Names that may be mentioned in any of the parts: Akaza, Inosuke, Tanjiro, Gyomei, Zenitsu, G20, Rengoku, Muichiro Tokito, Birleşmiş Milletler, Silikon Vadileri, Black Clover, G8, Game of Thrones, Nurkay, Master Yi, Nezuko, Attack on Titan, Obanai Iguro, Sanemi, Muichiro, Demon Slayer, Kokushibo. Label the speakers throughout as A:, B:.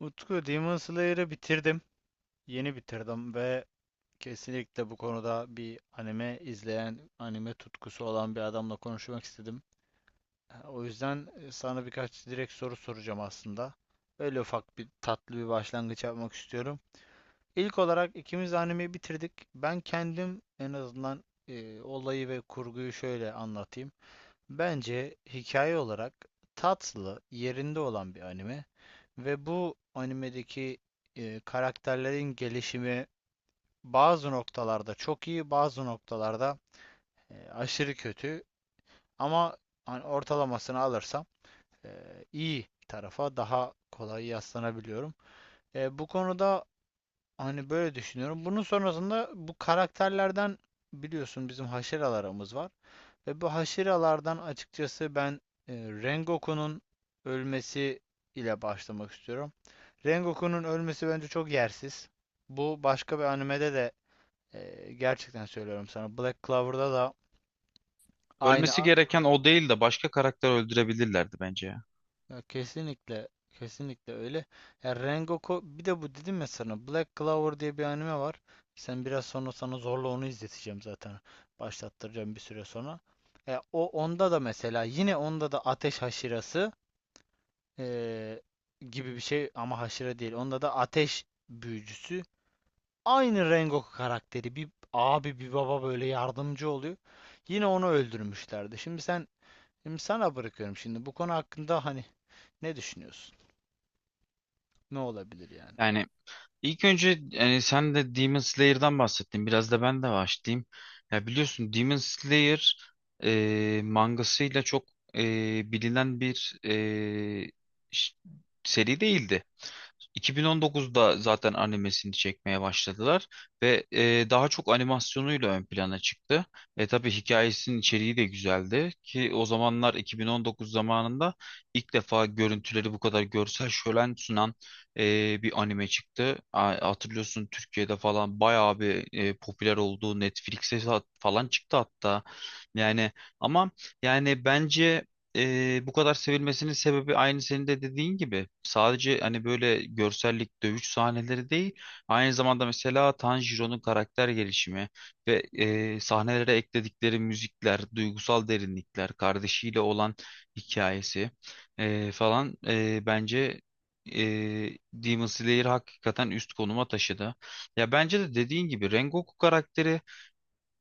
A: Utku, Demon Slayer'ı bitirdim. Yeni bitirdim ve kesinlikle bu konuda bir anime izleyen, anime tutkusu olan bir adamla konuşmak istedim. O yüzden sana birkaç direkt soru soracağım aslında. Öyle ufak bir tatlı bir başlangıç yapmak istiyorum. İlk olarak ikimiz de animeyi bitirdik. Ben kendim en azından olayı ve kurguyu şöyle anlatayım. Bence hikaye olarak tatlı, yerinde olan bir anime ve bu animedeki karakterlerin gelişimi bazı noktalarda çok iyi, bazı noktalarda aşırı kötü, ama hani ortalamasını alırsam e, iyi tarafa daha kolay yaslanabiliyorum. Bu konuda hani böyle düşünüyorum. Bunun sonrasında bu karakterlerden biliyorsun bizim haşeralarımız var. Ve bu haşiralardan açıkçası ben Rengoku'nun ölmesi ile başlamak istiyorum. Rengoku'nun ölmesi bence çok yersiz. Bu başka bir animede de gerçekten söylüyorum sana. Black Clover'da da
B: Ölmesi
A: aynı.
B: gereken o değil de başka karakter öldürebilirlerdi bence ya.
A: Ya kesinlikle, kesinlikle öyle. Ya Rengoku, bir de bu dedim ya sana, Black Clover diye bir anime var. Sen biraz sonra, sana zorla onu izleteceğim zaten. Başlattıracağım bir süre sonra. Ya o, onda da mesela, yine onda da ateş haşirası eee, gibi bir şey ama haşire değil. Onda da ateş büyücüsü. Aynı Rengoku karakteri, bir abi, bir baba böyle yardımcı oluyor. Yine onu öldürmüşlerdi. Şimdi sana bırakıyorum, şimdi bu konu hakkında hani ne düşünüyorsun? Ne olabilir yani?
B: Yani ilk önce yani sen de Demon Slayer'dan bahsettin. Biraz da ben de başlayayım. Ya biliyorsun Demon Slayer mangasıyla çok bilinen bir ş- seri değildi. 2019'da zaten animesini çekmeye başladılar ve daha çok animasyonuyla ön plana çıktı. Tabii hikayesinin içeriği de güzeldi ki o zamanlar 2019 zamanında ilk defa görüntüleri bu kadar görsel şölen sunan bir anime çıktı. Hatırlıyorsun, Türkiye'de falan bayağı bir popüler olduğu, Netflix'e falan çıktı hatta. Yani, ama yani bence bu kadar sevilmesinin sebebi aynı senin de dediğin gibi. Sadece hani böyle görsellik, dövüş sahneleri değil. Aynı zamanda mesela Tanjiro'nun karakter gelişimi ve sahnelere ekledikleri müzikler, duygusal derinlikler, kardeşiyle olan hikayesi falan bence Demon Slayer hakikaten üst konuma taşıdı. Ya bence de dediğin gibi Rengoku karakteri,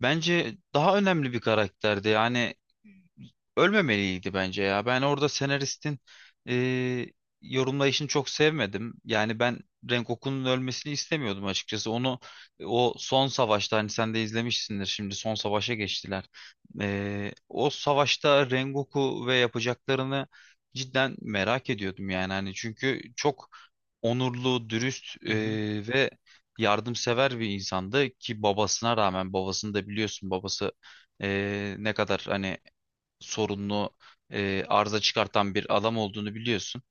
B: bence daha önemli bir karakterdi. Yani ölmemeliydi bence ya. Ben orada senaristin e, yorumlayışını çok sevmedim. Yani ben Rengoku'nun ölmesini istemiyordum açıkçası. Onu o son savaşta hani sen de izlemişsindir, şimdi son savaşa geçtiler. O savaşta Rengoku ve yapacaklarını cidden merak ediyordum yani hani, çünkü çok onurlu, dürüst
A: Hı hı.
B: ve yardımsever bir insandı ki babasına rağmen, babasını da biliyorsun, babası ne kadar hani sorunlu, arıza çıkartan bir adam olduğunu biliyorsun.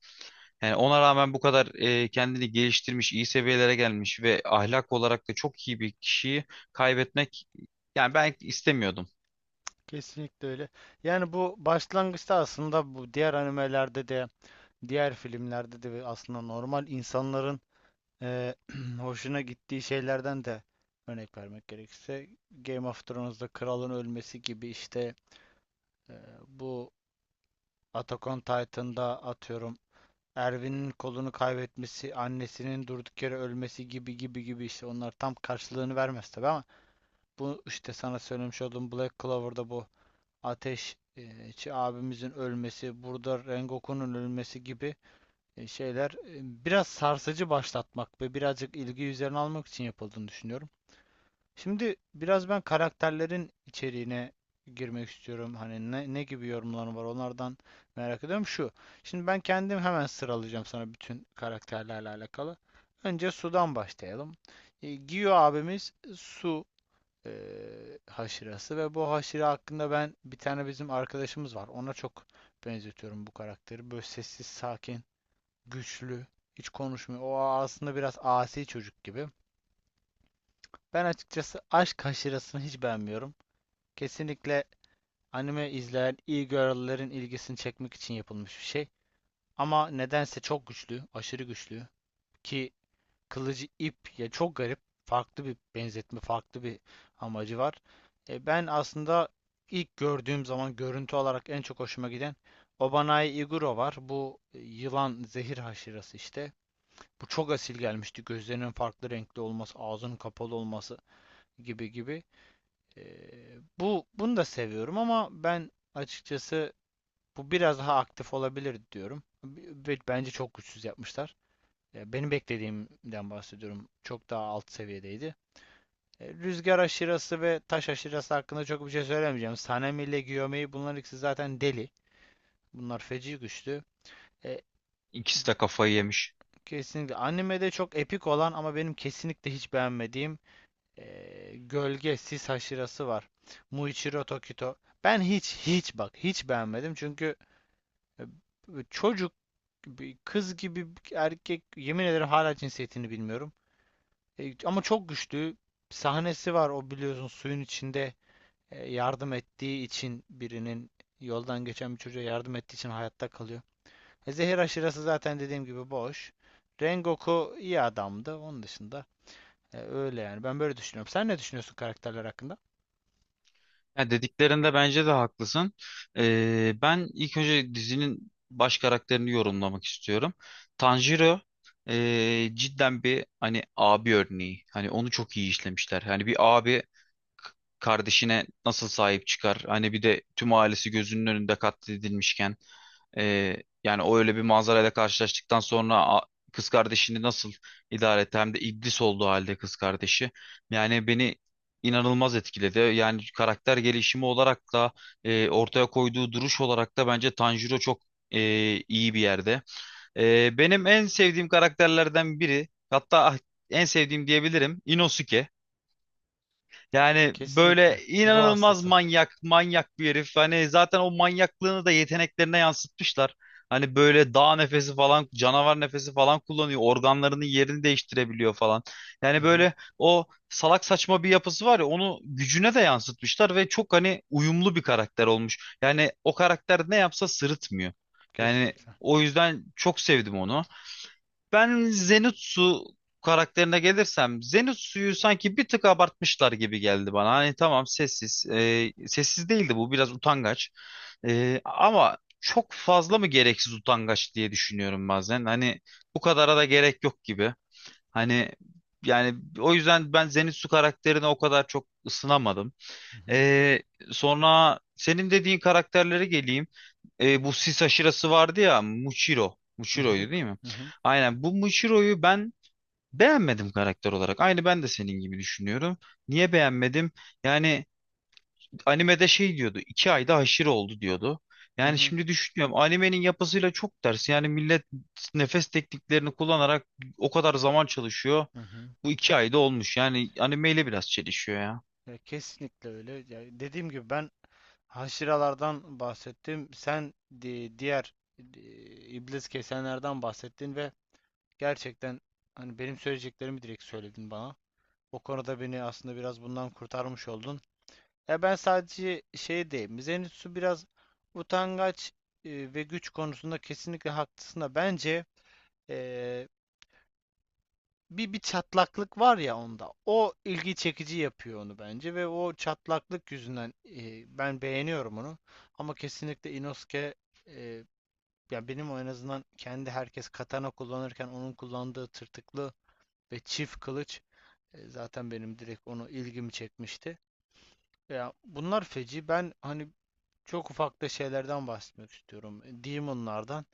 B: Yani ona rağmen bu kadar kendini geliştirmiş, iyi seviyelere gelmiş ve ahlak olarak da çok iyi bir kişiyi kaybetmek, yani ben istemiyordum.
A: Kesinlikle öyle. Yani bu başlangıçta aslında, bu diğer animelerde de, diğer filmlerde de ve aslında normal insanların eee, hoşuna gittiği şeylerden de, örnek vermek gerekirse Game of Thrones'da kralın ölmesi gibi işte, eee, bu Attack on Titan'da atıyorum Erwin'in kolunu kaybetmesi, annesinin durduk yere ölmesi gibi gibi gibi işte, onlar tam karşılığını vermez tabii, ama bu işte sana söylemiş olduğum Black Clover'da bu Ateşçi abimizin ölmesi, burada Rengoku'nun ölmesi gibi şeyler biraz sarsıcı başlatmak ve birazcık ilgi üzerine almak için yapıldığını düşünüyorum. Şimdi biraz ben karakterlerin içeriğine girmek istiyorum. Hani ne, ne gibi yorumları var onlardan merak ediyorum. Şu. Şimdi ben kendim hemen sıralayacağım sana bütün karakterlerle alakalı. Önce Su'dan başlayalım. Gio abimiz, Su haşirası ve bu haşire hakkında, ben bir tane bizim arkadaşımız var. Ona çok benzetiyorum bu karakteri. Böyle sessiz, sakin, güçlü, hiç konuşmuyor. O aslında biraz asi çocuk gibi. Ben açıkçası aşk haşirasını hiç beğenmiyorum. Kesinlikle anime izleyen e-girl'lerin ilgisini çekmek için yapılmış bir şey. Ama nedense çok güçlü, aşırı güçlü, ki kılıcı ip, ya çok garip. Farklı bir benzetme, farklı bir amacı var. Ben aslında ilk gördüğüm zaman görüntü olarak en çok hoşuma giden Obanai Iguro var. Bu yılan zehir haşirası işte. Bu çok asil gelmişti. Gözlerinin farklı renkli olması, ağzının kapalı olması gibi gibi. E, Bunu da seviyorum ama ben açıkçası bu biraz daha aktif olabilir diyorum. Bence çok güçsüz yapmışlar. Benim beklediğimden bahsediyorum. Çok daha alt seviyedeydi. Rüzgar aşırası ve taş aşırası hakkında çok bir şey söylemeyeceğim. Sanemi ile Gyomei, bunlar ikisi zaten deli. Bunlar feci güçlü. E,
B: İkisi de kafayı yemiş.
A: Kesinlikle animede çok epik olan ama benim kesinlikle hiç beğenmediğim Gölge Sis aşırası var. Muichiro Tokito. Ben hiç hiç, bak, hiç beğenmedim çünkü e, çocuk kız gibi erkek, yemin ederim hala cinsiyetini bilmiyorum. Ama çok güçlü. Sahnesi var o, biliyorsun, suyun içinde yardım ettiği için birinin yoldan geçen bir çocuğa yardım ettiği için hayatta kalıyor. Zehir aşırası zaten dediğim gibi boş. Rengoku iyi adamdı. Onun dışında öyle yani. Ben böyle düşünüyorum. Sen ne düşünüyorsun karakterler hakkında?
B: Ya dediklerinde bence de haklısın. Ben ilk önce dizinin baş karakterini yorumlamak istiyorum. Tanjiro cidden bir hani abi örneği. Hani onu çok iyi işlemişler. Hani bir abi kardeşine nasıl sahip çıkar? Hani bir de tüm ailesi gözünün önünde katledilmişken, e, yani o öyle bir manzarayla karşılaştıktan sonra kız kardeşini nasıl idare etti? Hem de iblis olduğu halde kız kardeşi. Yani beni inanılmaz etkiledi. Yani karakter gelişimi olarak da, ortaya koyduğu duruş olarak da bence Tanjiro çok e, iyi bir yerde. Benim en sevdiğim karakterlerden biri, hatta en sevdiğim diyebilirim, Inosuke. Yani böyle
A: Kesinlikle. Ruh
B: inanılmaz
A: hastası.
B: manyak, manyak bir herif. Hani zaten o manyaklığını da yeteneklerine yansıtmışlar. Hani böyle dağ nefesi falan, canavar nefesi falan kullanıyor. Organlarının yerini değiştirebiliyor falan.
A: Hı
B: Yani
A: hı.
B: böyle o salak saçma bir yapısı var ya, onu gücüne de yansıtmışlar ve çok hani uyumlu bir karakter olmuş. Yani o karakter ne yapsa sırıtmıyor. Yani
A: Kesinlikle.
B: o yüzden çok sevdim onu. Ben Zenitsu karakterine gelirsem, Zenitsu'yu sanki bir tık abartmışlar gibi geldi bana. Hani tamam, sessiz. Sessiz değildi, bu biraz utangaç. Ama çok fazla mı gereksiz utangaç diye düşünüyorum bazen. Hani bu kadara da gerek yok gibi. Hani, yani o yüzden ben Zenitsu karakterine o kadar çok ısınamadım.
A: Hı hı.
B: E, sonra senin dediğin karakterlere geleyim. Bu sis aşırası vardı ya, Muichiro.
A: Hı hı.
B: Muichiro'ydu değil mi?
A: Hı hı.
B: Aynen, bu Muichiro'yu ben beğenmedim karakter olarak. Aynı ben de senin gibi düşünüyorum. Niye beğenmedim? Yani animede şey diyordu. 2 ayda haşır oldu diyordu.
A: Hı
B: Yani
A: hı.
B: şimdi düşünüyorum, animenin yapısıyla çok ters. Yani millet nefes tekniklerini kullanarak o kadar zaman çalışıyor.
A: Hı hı.
B: Bu 2 ayda olmuş. Yani animeyle biraz çelişiyor ya.
A: Ya kesinlikle öyle. Ya dediğim gibi ben haşiralardan bahsettim. Sen diğer e, iblis kesenlerden bahsettin ve gerçekten hani benim söyleyeceklerimi direkt söyledin bana. O konuda beni aslında biraz bundan kurtarmış oldun. Ya ben sadece şey diyeyim. Zenitsu biraz utangaç ve güç konusunda kesinlikle haklısın, da bence e, bir çatlaklık var ya onda. O ilgi çekici yapıyor onu bence ve o çatlaklık yüzünden ben beğeniyorum onu. Ama kesinlikle Inosuke, e, ya benim o en azından kendi, herkes katana kullanırken onun kullandığı tırtıklı ve çift kılıç zaten benim direkt onu ilgimi çekmişti. Ya bunlar feci. Ben hani çok ufak da şeylerden bahsetmek istiyorum. Demon'lardan.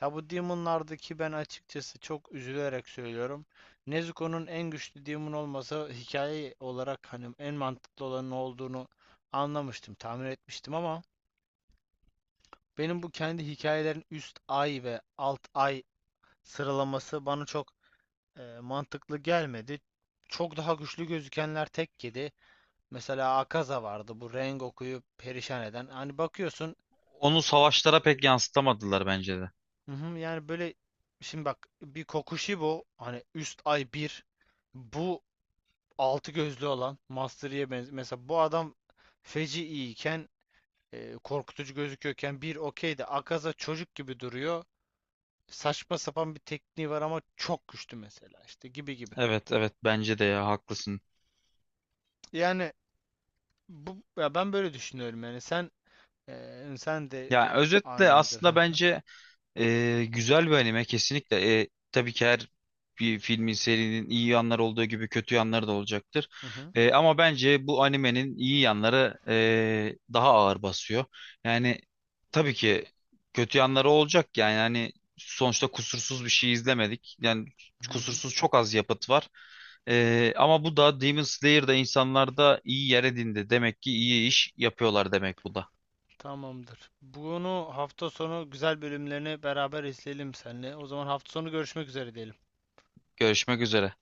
A: Ya bu Demon'lardaki ben açıkçası çok üzülerek söylüyorum. Nezuko'nun en güçlü Demon olmasa, hikaye olarak hani en mantıklı olanın olduğunu anlamıştım, tahmin etmiştim, ama benim bu kendi hikayelerin üst ay ve alt ay sıralaması bana çok mantıklı gelmedi. Çok daha güçlü gözükenler tek yedi. Mesela Akaza vardı, bu Rengoku'yu perişan eden. Hani bakıyorsun.
B: Onu savaşlara pek yansıtamadılar bence de.
A: Hı hı, yani böyle şimdi bak, bir Kokushibo, hani üst ay bir, bu altı gözlü olan, Master Yi'ye benziyor. Mesela bu adam feci iyiyken, korkutucu gözüküyorken, bir okey de Akaza çocuk gibi duruyor. Saçma sapan bir tekniği var ama çok güçlü mesela, işte gibi gibi.
B: Evet, evet, bence de ya, haklısın.
A: Yani bu, ya ben böyle düşünüyorum yani, sen sen de
B: Yani
A: aynı
B: özetle
A: benzer.
B: aslında bence güzel bir anime kesinlikle. Tabii ki her bir filmin, serinin iyi yanları olduğu gibi kötü yanları da olacaktır.
A: Hı hı. Hı
B: Ama bence bu animenin iyi yanları daha ağır basıyor. Yani tabii ki kötü yanları olacak, yani hani sonuçta kusursuz bir şey izlemedik. Yani
A: hı.
B: kusursuz çok az yapıt var. Ama bu da Demon Slayer'da insanlarda iyi yer edindi. Demek ki iyi iş yapıyorlar, demek bu da.
A: Tamamdır. Bunu hafta sonu güzel bölümlerini beraber izleyelim seninle. O zaman hafta sonu görüşmek üzere diyelim.
B: Görüşmek üzere.